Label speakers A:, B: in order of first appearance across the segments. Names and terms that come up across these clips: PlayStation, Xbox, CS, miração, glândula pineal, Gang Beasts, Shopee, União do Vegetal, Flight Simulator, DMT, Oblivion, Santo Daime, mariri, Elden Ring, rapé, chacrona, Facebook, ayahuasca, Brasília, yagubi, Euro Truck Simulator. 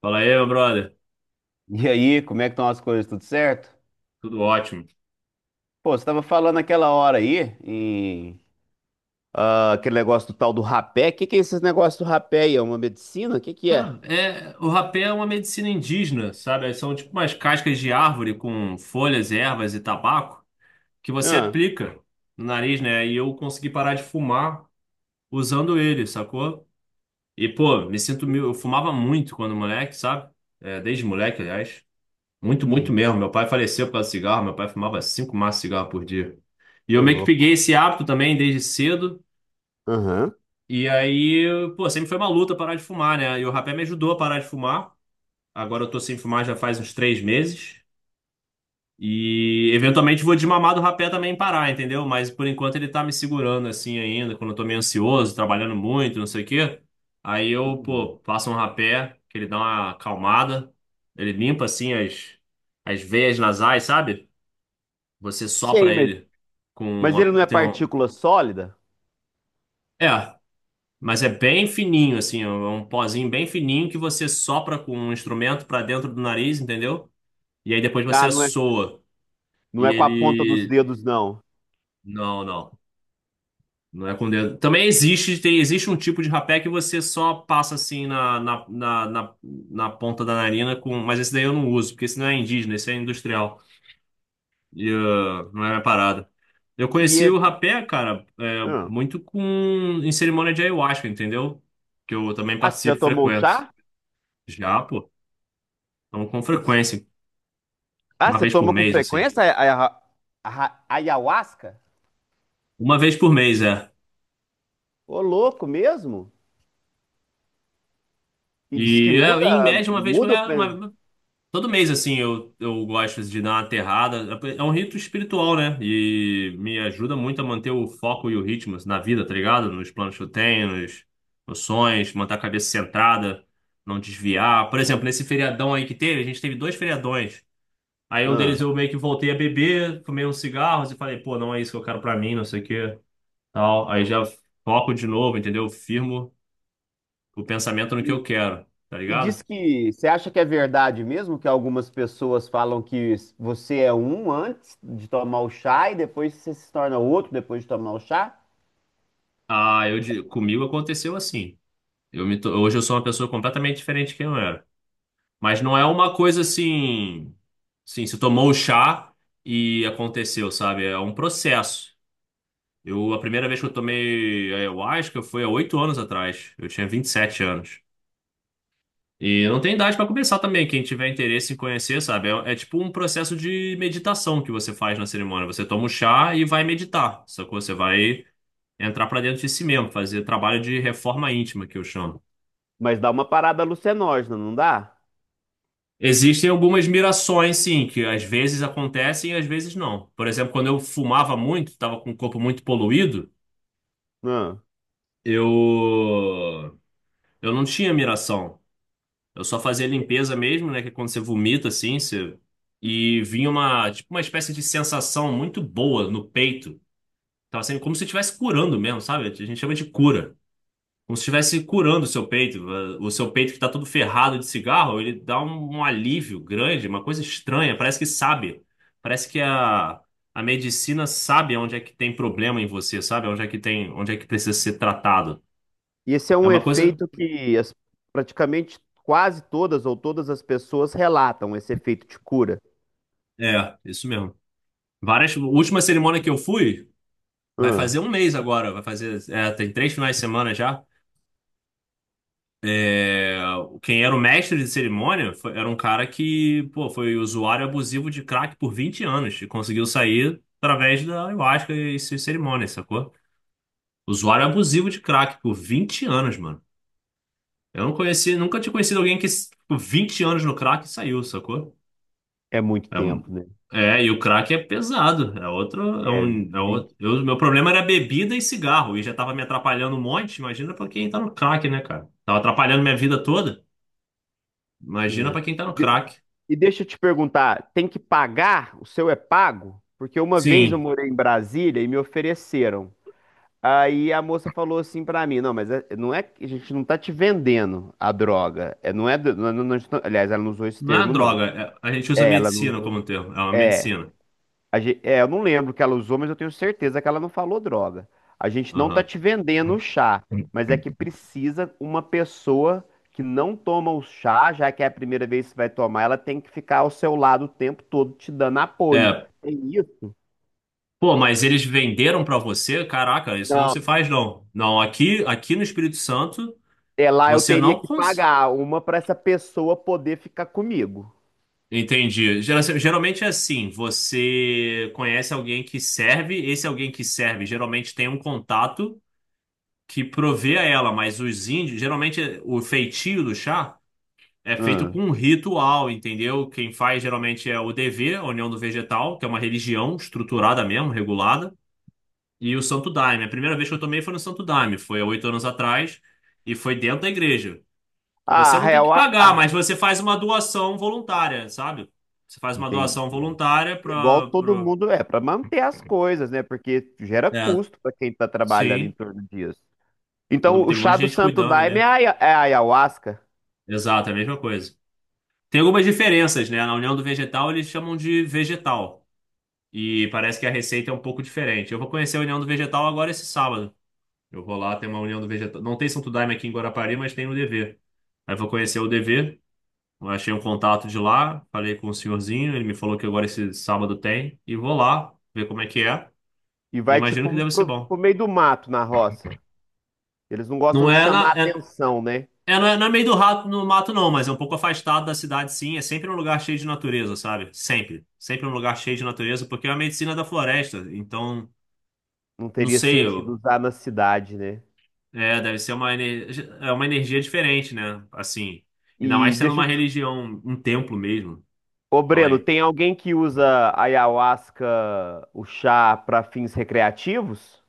A: Fala aí, meu brother.
B: E aí, como é que estão as coisas? Tudo certo?
A: Tudo ótimo.
B: Pô, você estava falando aquela hora aí, em, ah, aquele negócio do tal do rapé. O que que é esses negócios do rapé aí? É uma medicina? O que que é?
A: Cara, o rapé é uma medicina indígena, sabe? São tipo umas cascas de árvore com folhas, ervas e tabaco que você
B: Ah.
A: aplica no nariz, né? E eu consegui parar de fumar usando ele, sacou? E, pô, me sinto... Eu fumava muito quando moleque, sabe? É, desde moleque, aliás. Muito, muito
B: Uhum.
A: mesmo. Meu pai faleceu por causa de cigarro. Meu pai fumava 5 maços de cigarro por dia. E eu
B: Ô,
A: meio que
B: louco.
A: peguei esse hábito também desde cedo.
B: Aham.
A: E aí, pô, sempre foi uma luta parar de fumar, né? E o rapé me ajudou a parar de fumar. Agora eu tô sem fumar já faz uns 3 meses. E eventualmente vou desmamar do rapé também e parar, entendeu? Mas por enquanto ele tá me segurando assim ainda, quando eu tô meio ansioso, trabalhando muito, não sei o quê. Aí eu,
B: Uhum.
A: pô, faço um rapé, que ele dá uma acalmada. Ele limpa assim as veias nasais, sabe? Você
B: Sei,
A: sopra ele com.
B: mas ele não é
A: Tem um.
B: partícula sólida?
A: É. Mas é bem fininho, assim, é um pozinho bem fininho que você sopra com um instrumento pra dentro do nariz, entendeu? E aí depois
B: Ah,
A: você
B: não é,
A: soa.
B: não
A: E
B: é com a ponta dos
A: ele.
B: dedos, não.
A: Não, não. Não é com dedo. Também existe, tem, existe um tipo de rapé que você só passa assim na ponta da narina com. Mas esse daí eu não uso, porque esse não é indígena, esse é industrial. E ah, não é minha parada. Eu
B: E
A: conheci o
B: esse...
A: rapé, cara,
B: Ah.
A: muito com em cerimônia de ayahuasca, entendeu? Que eu também
B: Ah, você já
A: participo e
B: tomou
A: frequento.
B: chá?
A: Já, pô. Então, com frequência,
B: Ah,
A: uma
B: você
A: vez por
B: toma com
A: mês, assim.
B: frequência ayahuasca?
A: Uma vez por mês, é.
B: Ô, louco mesmo? E diz que
A: E é, em
B: muda,
A: média, uma vez por
B: muda
A: é,
B: o...
A: uma- todo mês, assim, eu gosto de dar uma aterrada. É um rito espiritual, né? E me ajuda muito a manter o foco e o ritmo assim, na vida, tá ligado? Nos planos que eu tenho, nos, nos sonhos, manter a cabeça centrada, não desviar. Por exemplo, nesse feriadão aí que teve, a gente teve dois feriadões. Aí um deles
B: Ah.
A: eu meio que voltei a beber, fumei uns cigarros e falei, pô, não é isso que eu quero pra mim, não sei o quê. Tal. Aí já foco de novo, entendeu? Firmo o pensamento no que
B: E,
A: eu quero, tá
B: e diz
A: ligado?
B: que você acha que é verdade mesmo que algumas pessoas falam que s- você é um antes de tomar o chá e depois você se torna outro depois de tomar o chá?
A: Ah, comigo aconteceu assim. Hoje eu sou uma pessoa completamente diferente de quem eu era. Mas não é uma coisa assim, sim, se tomou o chá e aconteceu, sabe? É um processo. Eu, a primeira vez que eu tomei ayahuasca foi há 8 anos atrás. Eu tinha 27 anos. E não tem idade para começar também. Quem tiver interesse em conhecer, sabe? É tipo um processo de meditação que você faz na cerimônia. Você toma um chá e vai meditar. Só que você vai entrar para dentro de si mesmo, fazer trabalho de reforma íntima, que eu chamo.
B: Mas dá uma parada alucinógena, não dá?
A: Existem algumas mirações, sim, que às vezes acontecem e às vezes não. Por exemplo, quando eu fumava muito, estava com o corpo muito poluído,
B: Ah,
A: eu eu não tinha miração. Eu só fazia limpeza mesmo, né? Que é quando você vomita assim, você... e vinha uma, tipo, uma espécie de sensação muito boa no peito. Tava sendo como se estivesse curando mesmo, sabe? A gente chama de cura. Como se estivesse curando o seu peito. Eh, o seu peito que tá todo ferrado de cigarro, ele dá um, um alívio grande, uma coisa estranha. Parece que sabe. Parece que a medicina sabe onde é que tem problema em você, sabe? Onde é que tem, onde é que precisa ser tratado.
B: e esse é
A: É
B: um
A: uma coisa.
B: efeito que as- praticamente quase todas ou todas as pessoas relatam esse efeito de cura.
A: É, isso mesmo. Várias. A última cerimônia que eu fui. Vai
B: Ah,
A: fazer um mês agora, vai fazer. É, tem três finais de semana já. É, quem era o mestre de cerimônia era um cara que, pô, foi usuário abusivo de crack por 20 anos e conseguiu sair através da ayahuasca e suas cerimônias, sacou? Usuário abusivo de crack por 20 anos, mano. Eu não conheci, nunca tinha conhecido alguém que ficou 20 anos no crack e saiu, sacou?
B: é muito tempo, né?
A: É, é, e o crack é pesado. É outro, é
B: É
A: um, é
B: 20.
A: outro. Eu, meu problema era bebida e cigarro, e já tava me atrapalhando um monte. Imagina pra quem tá no crack, né, cara? Tava atrapalhando minha vida toda. Imagina pra quem tá no
B: É.
A: crack.
B: E deixa eu te perguntar, tem que pagar? O seu é pago? Porque uma vez eu
A: Sim,
B: morei em Brasília e me ofereceram. Aí a moça falou assim pra mim, não, mas é- não é que a gente não tá te vendendo a droga. É, não é, do- não, é, não- não- aliás, ela não usou esse
A: não é
B: termo, não.
A: droga. A gente usa
B: É, ela não.
A: medicina como um termo. É uma medicina.
B: A gen- é, eu não lembro o que ela usou, mas eu tenho certeza que ela não falou droga. A gente não tá
A: Aham.
B: te vendendo o chá, mas é que precisa uma pessoa que não toma o chá, já que é a primeira vez que vai tomar, ela tem que ficar ao seu lado o tempo todo te dando apoio.
A: É,
B: Tem isso?
A: pô, mas eles venderam pra você? Caraca, isso não se
B: Não.
A: faz, não. Não, aqui no Espírito Santo,
B: É lá eu
A: você
B: teria
A: não
B: que
A: consegue.
B: pagar uma pra essa pessoa poder ficar comigo.
A: Entendi. Geralmente é assim, você conhece alguém que serve, esse alguém que serve geralmente tem um contato que provê a ela, mas os índios, o feitio do chá é feito com
B: Hum.
A: um ritual, entendeu? Quem faz geralmente é o DV, a União do Vegetal, que é uma religião estruturada mesmo, regulada, e o Santo Daime. A primeira vez que eu tomei foi no Santo Daime, foi há oito anos atrás, e foi dentro da igreja. Você
B: Ah,
A: não tem que
B: real, ah,
A: pagar,
B: ah,
A: mas você faz uma doação voluntária, sabe? Você faz uma doação
B: entendi.
A: voluntária
B: Igual
A: para.
B: todo
A: Pro...
B: mundo é, pra manter as coisas, né? Porque gera
A: É,
B: custo pra quem tá trabalhando em
A: sim.
B: torno disso. Então, o
A: Tem um monte
B: chá
A: de
B: do
A: gente
B: Santo
A: cuidando
B: Daime é
A: ali.
B: a aia- é a ayahuasca.
A: Exato, é a mesma coisa. Tem algumas diferenças, né? Na União do Vegetal eles chamam de vegetal. E parece que a receita é um pouco diferente. Eu vou conhecer a União do Vegetal agora esse sábado. Eu vou lá, tem uma União do Vegetal. Não tem Santo Daime aqui em Guarapari, mas tem no DV. Aí eu vou conhecer o DV. Achei um contato de lá, falei com o senhorzinho, ele me falou que agora esse sábado tem, e vou lá ver como é que é.
B: E
A: E
B: vai
A: imagino que
B: tipo
A: deve ser
B: pro,
A: bom.
B: pro meio do mato na roça. Eles não gostam
A: Não
B: de
A: é
B: chamar
A: na, é,
B: atenção, né?
A: é, não é, não é meio do rato no mato, não, mas é um pouco afastado da cidade, sim. É sempre um lugar cheio de natureza, sabe? Sempre. Sempre um lugar cheio de natureza, porque é a medicina da floresta. Então,
B: Não
A: não
B: teria
A: sei,
B: sentido usar na cidade, né?
A: deve ser uma, é uma energia diferente, né? Assim, ainda mais
B: E
A: sendo
B: deixa
A: uma
B: eu te...
A: religião, um templo mesmo.
B: Ô,
A: Fala
B: Breno, tem alguém que usa ayahuasca, o chá, para fins recreativos?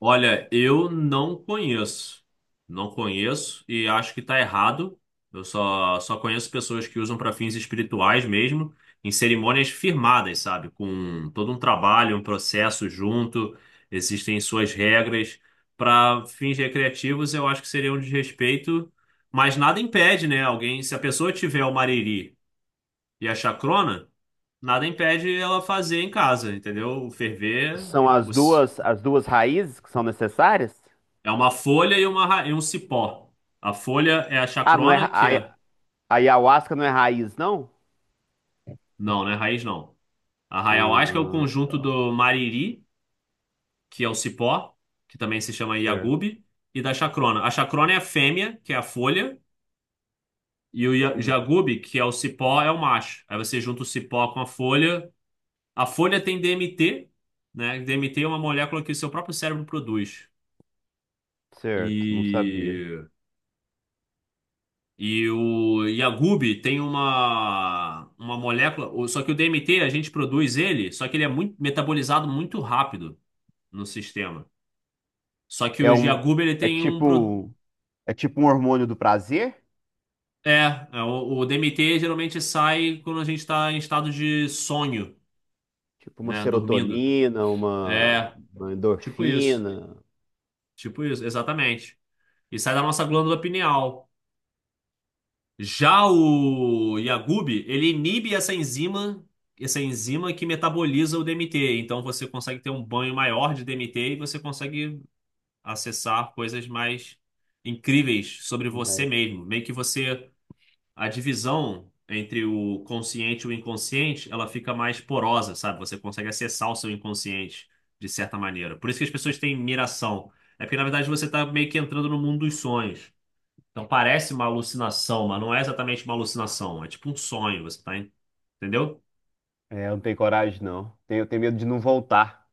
A: Olha, eu não conheço. Não conheço e acho que tá errado. Só conheço pessoas que usam para fins espirituais mesmo, em cerimônias firmadas, sabe? Com todo um trabalho, um processo junto, existem suas regras. Para fins recreativos, eu acho que seria um desrespeito, mas nada impede, né? Alguém, se a pessoa tiver o mariri e a chacrona, nada impede ela fazer em casa, entendeu? O ferver.
B: São
A: os-
B: as duas raízes que são necessárias?
A: É uma folha e um cipó. A folha é a
B: Ah, não é
A: chacrona,
B: ra-
A: que
B: aia-
A: é.
B: ayahuasca não é raiz, não?
A: Não, né? Raiz não. A ayahuasca é o
B: Ah,
A: conjunto
B: tá.
A: do mariri, que é o cipó, que também se chama
B: Certo.
A: yagubi, e da chacrona. A chacrona é a fêmea, que é a folha, e o
B: Hum,
A: yagubi, que é o cipó, é o macho. Aí você junta o cipó com a folha. A folha tem DMT, né? DMT é uma molécula que o seu próprio cérebro produz.
B: certo, não sabia.
A: E. E o Yagub tem uma molécula, só que o DMT a gente produz ele, só que ele é muito metabolizado muito rápido no sistema. Só que o
B: É um,
A: Yagub ele
B: é
A: tem um
B: tipo, é tipo um hormônio do prazer,
A: o DMT geralmente sai quando a gente está em estado de sonho,
B: tipo uma
A: né, dormindo.
B: serotonina,
A: É,
B: uma
A: tipo isso.
B: endorfina.
A: Tipo isso, exatamente. E sai da nossa glândula pineal. Já o Yagub, ele inibe essa enzima que metaboliza o DMT. Então você consegue ter um banho maior de DMT e você consegue acessar coisas mais incríveis sobre você mesmo. Meio que você, a divisão entre o consciente e o inconsciente, ela fica mais porosa, sabe? Você consegue acessar o seu inconsciente de certa maneira. Por isso que as pessoas têm miração. É porque na verdade você está meio que entrando no mundo dos sonhos. Então parece uma alucinação, mas não é exatamente uma alucinação. É tipo um sonho, você tá, entendeu?
B: É, eu não tenho coragem, não. Tenho, tenho medo de não voltar.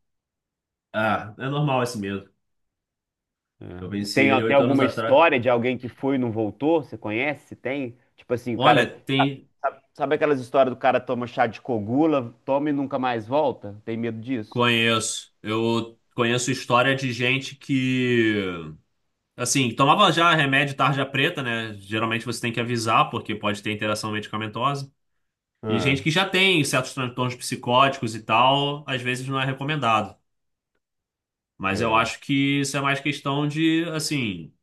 A: Ah, é normal esse medo. Eu
B: É.
A: venci
B: Tem
A: ele
B: até
A: 8 anos
B: alguma
A: atrás.
B: história de alguém que foi e não voltou? Você conhece? Tem? Tipo assim, o
A: Olha,
B: cara.
A: tem.
B: Sabe, sabe aquelas histórias do cara toma chá de cogula, toma e nunca mais volta? Tem medo disso?
A: Conheço. Eu conheço história de gente que, assim, tomava já remédio tarja preta, né? Geralmente você tem que avisar, porque pode ter interação medicamentosa. E gente
B: Ah,
A: que já tem certos transtornos psicóticos e tal, às vezes não é recomendado. Mas eu
B: é.
A: acho que isso é mais questão de, assim.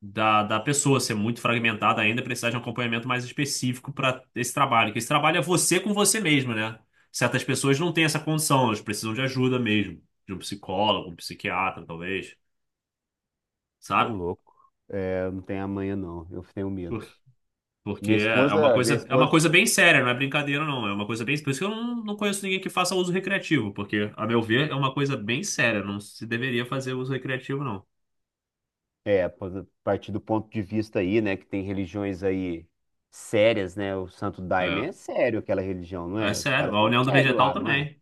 A: Da pessoa ser muito fragmentada ainda, precisar de um acompanhamento mais específico para esse trabalho. Que esse trabalho é você com você mesmo, né? Certas pessoas não têm essa condição, elas precisam de ajuda mesmo, de um psicólogo, um psiquiatra, talvez,
B: Ô,
A: sabe?
B: louco. É, eu não tenho amanhã, não. Eu tenho
A: Por-
B: medo.
A: Porque
B: Minha esposa, minha
A: é uma
B: esposa,
A: coisa bem séria, não é brincadeira, não. É uma coisa bem. Por isso que eu não, não conheço ninguém que faça uso recreativo, porque, a meu ver, é uma coisa bem séria. Não se deveria fazer uso recreativo, não.
B: É, pô, a partir do ponto de vista aí, né, que tem religiões aí sérias, né? O Santo Daime
A: É.
B: é sério aquela religião, não
A: É
B: é? Os
A: sério.
B: caras
A: A
B: são
A: união do
B: sérios
A: vegetal
B: lá, não é?
A: também.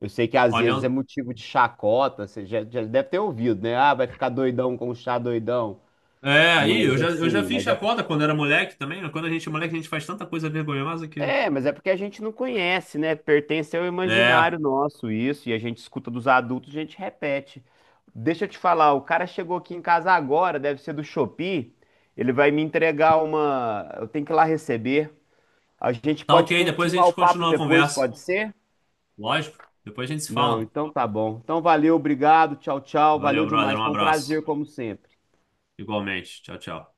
B: Eu sei que às
A: A
B: vezes é
A: união,
B: motivo de chacota, você já, já deve ter ouvido, né? Ah, vai ficar doidão com o chá doidão.
A: É,
B: Mas
A: eu já
B: assim,
A: fiz
B: mas é
A: chacota quando era moleque também. Quando a gente é moleque, a gente faz tanta coisa vergonhosa que.
B: É, mas é porque a gente não conhece, né? Pertence ao
A: É,
B: imaginário nosso isso, e a gente escuta dos adultos, a gente repete. Deixa eu te falar, o cara chegou aqui em casa agora, deve ser do Shopee, ele vai me entregar uma. Eu tenho que ir lá receber. A gente
A: tá
B: pode
A: ok, depois a
B: continuar o
A: gente
B: papo
A: continua a
B: depois,
A: conversa.
B: pode ser?
A: Lógico, depois a gente se
B: Não,
A: fala.
B: então tá bom. Então valeu, obrigado, tchau, tchau.
A: Valeu,
B: Valeu
A: brother,
B: demais,
A: um
B: foi um
A: abraço.
B: prazer, como sempre.
A: Igualmente, tchau, tchau.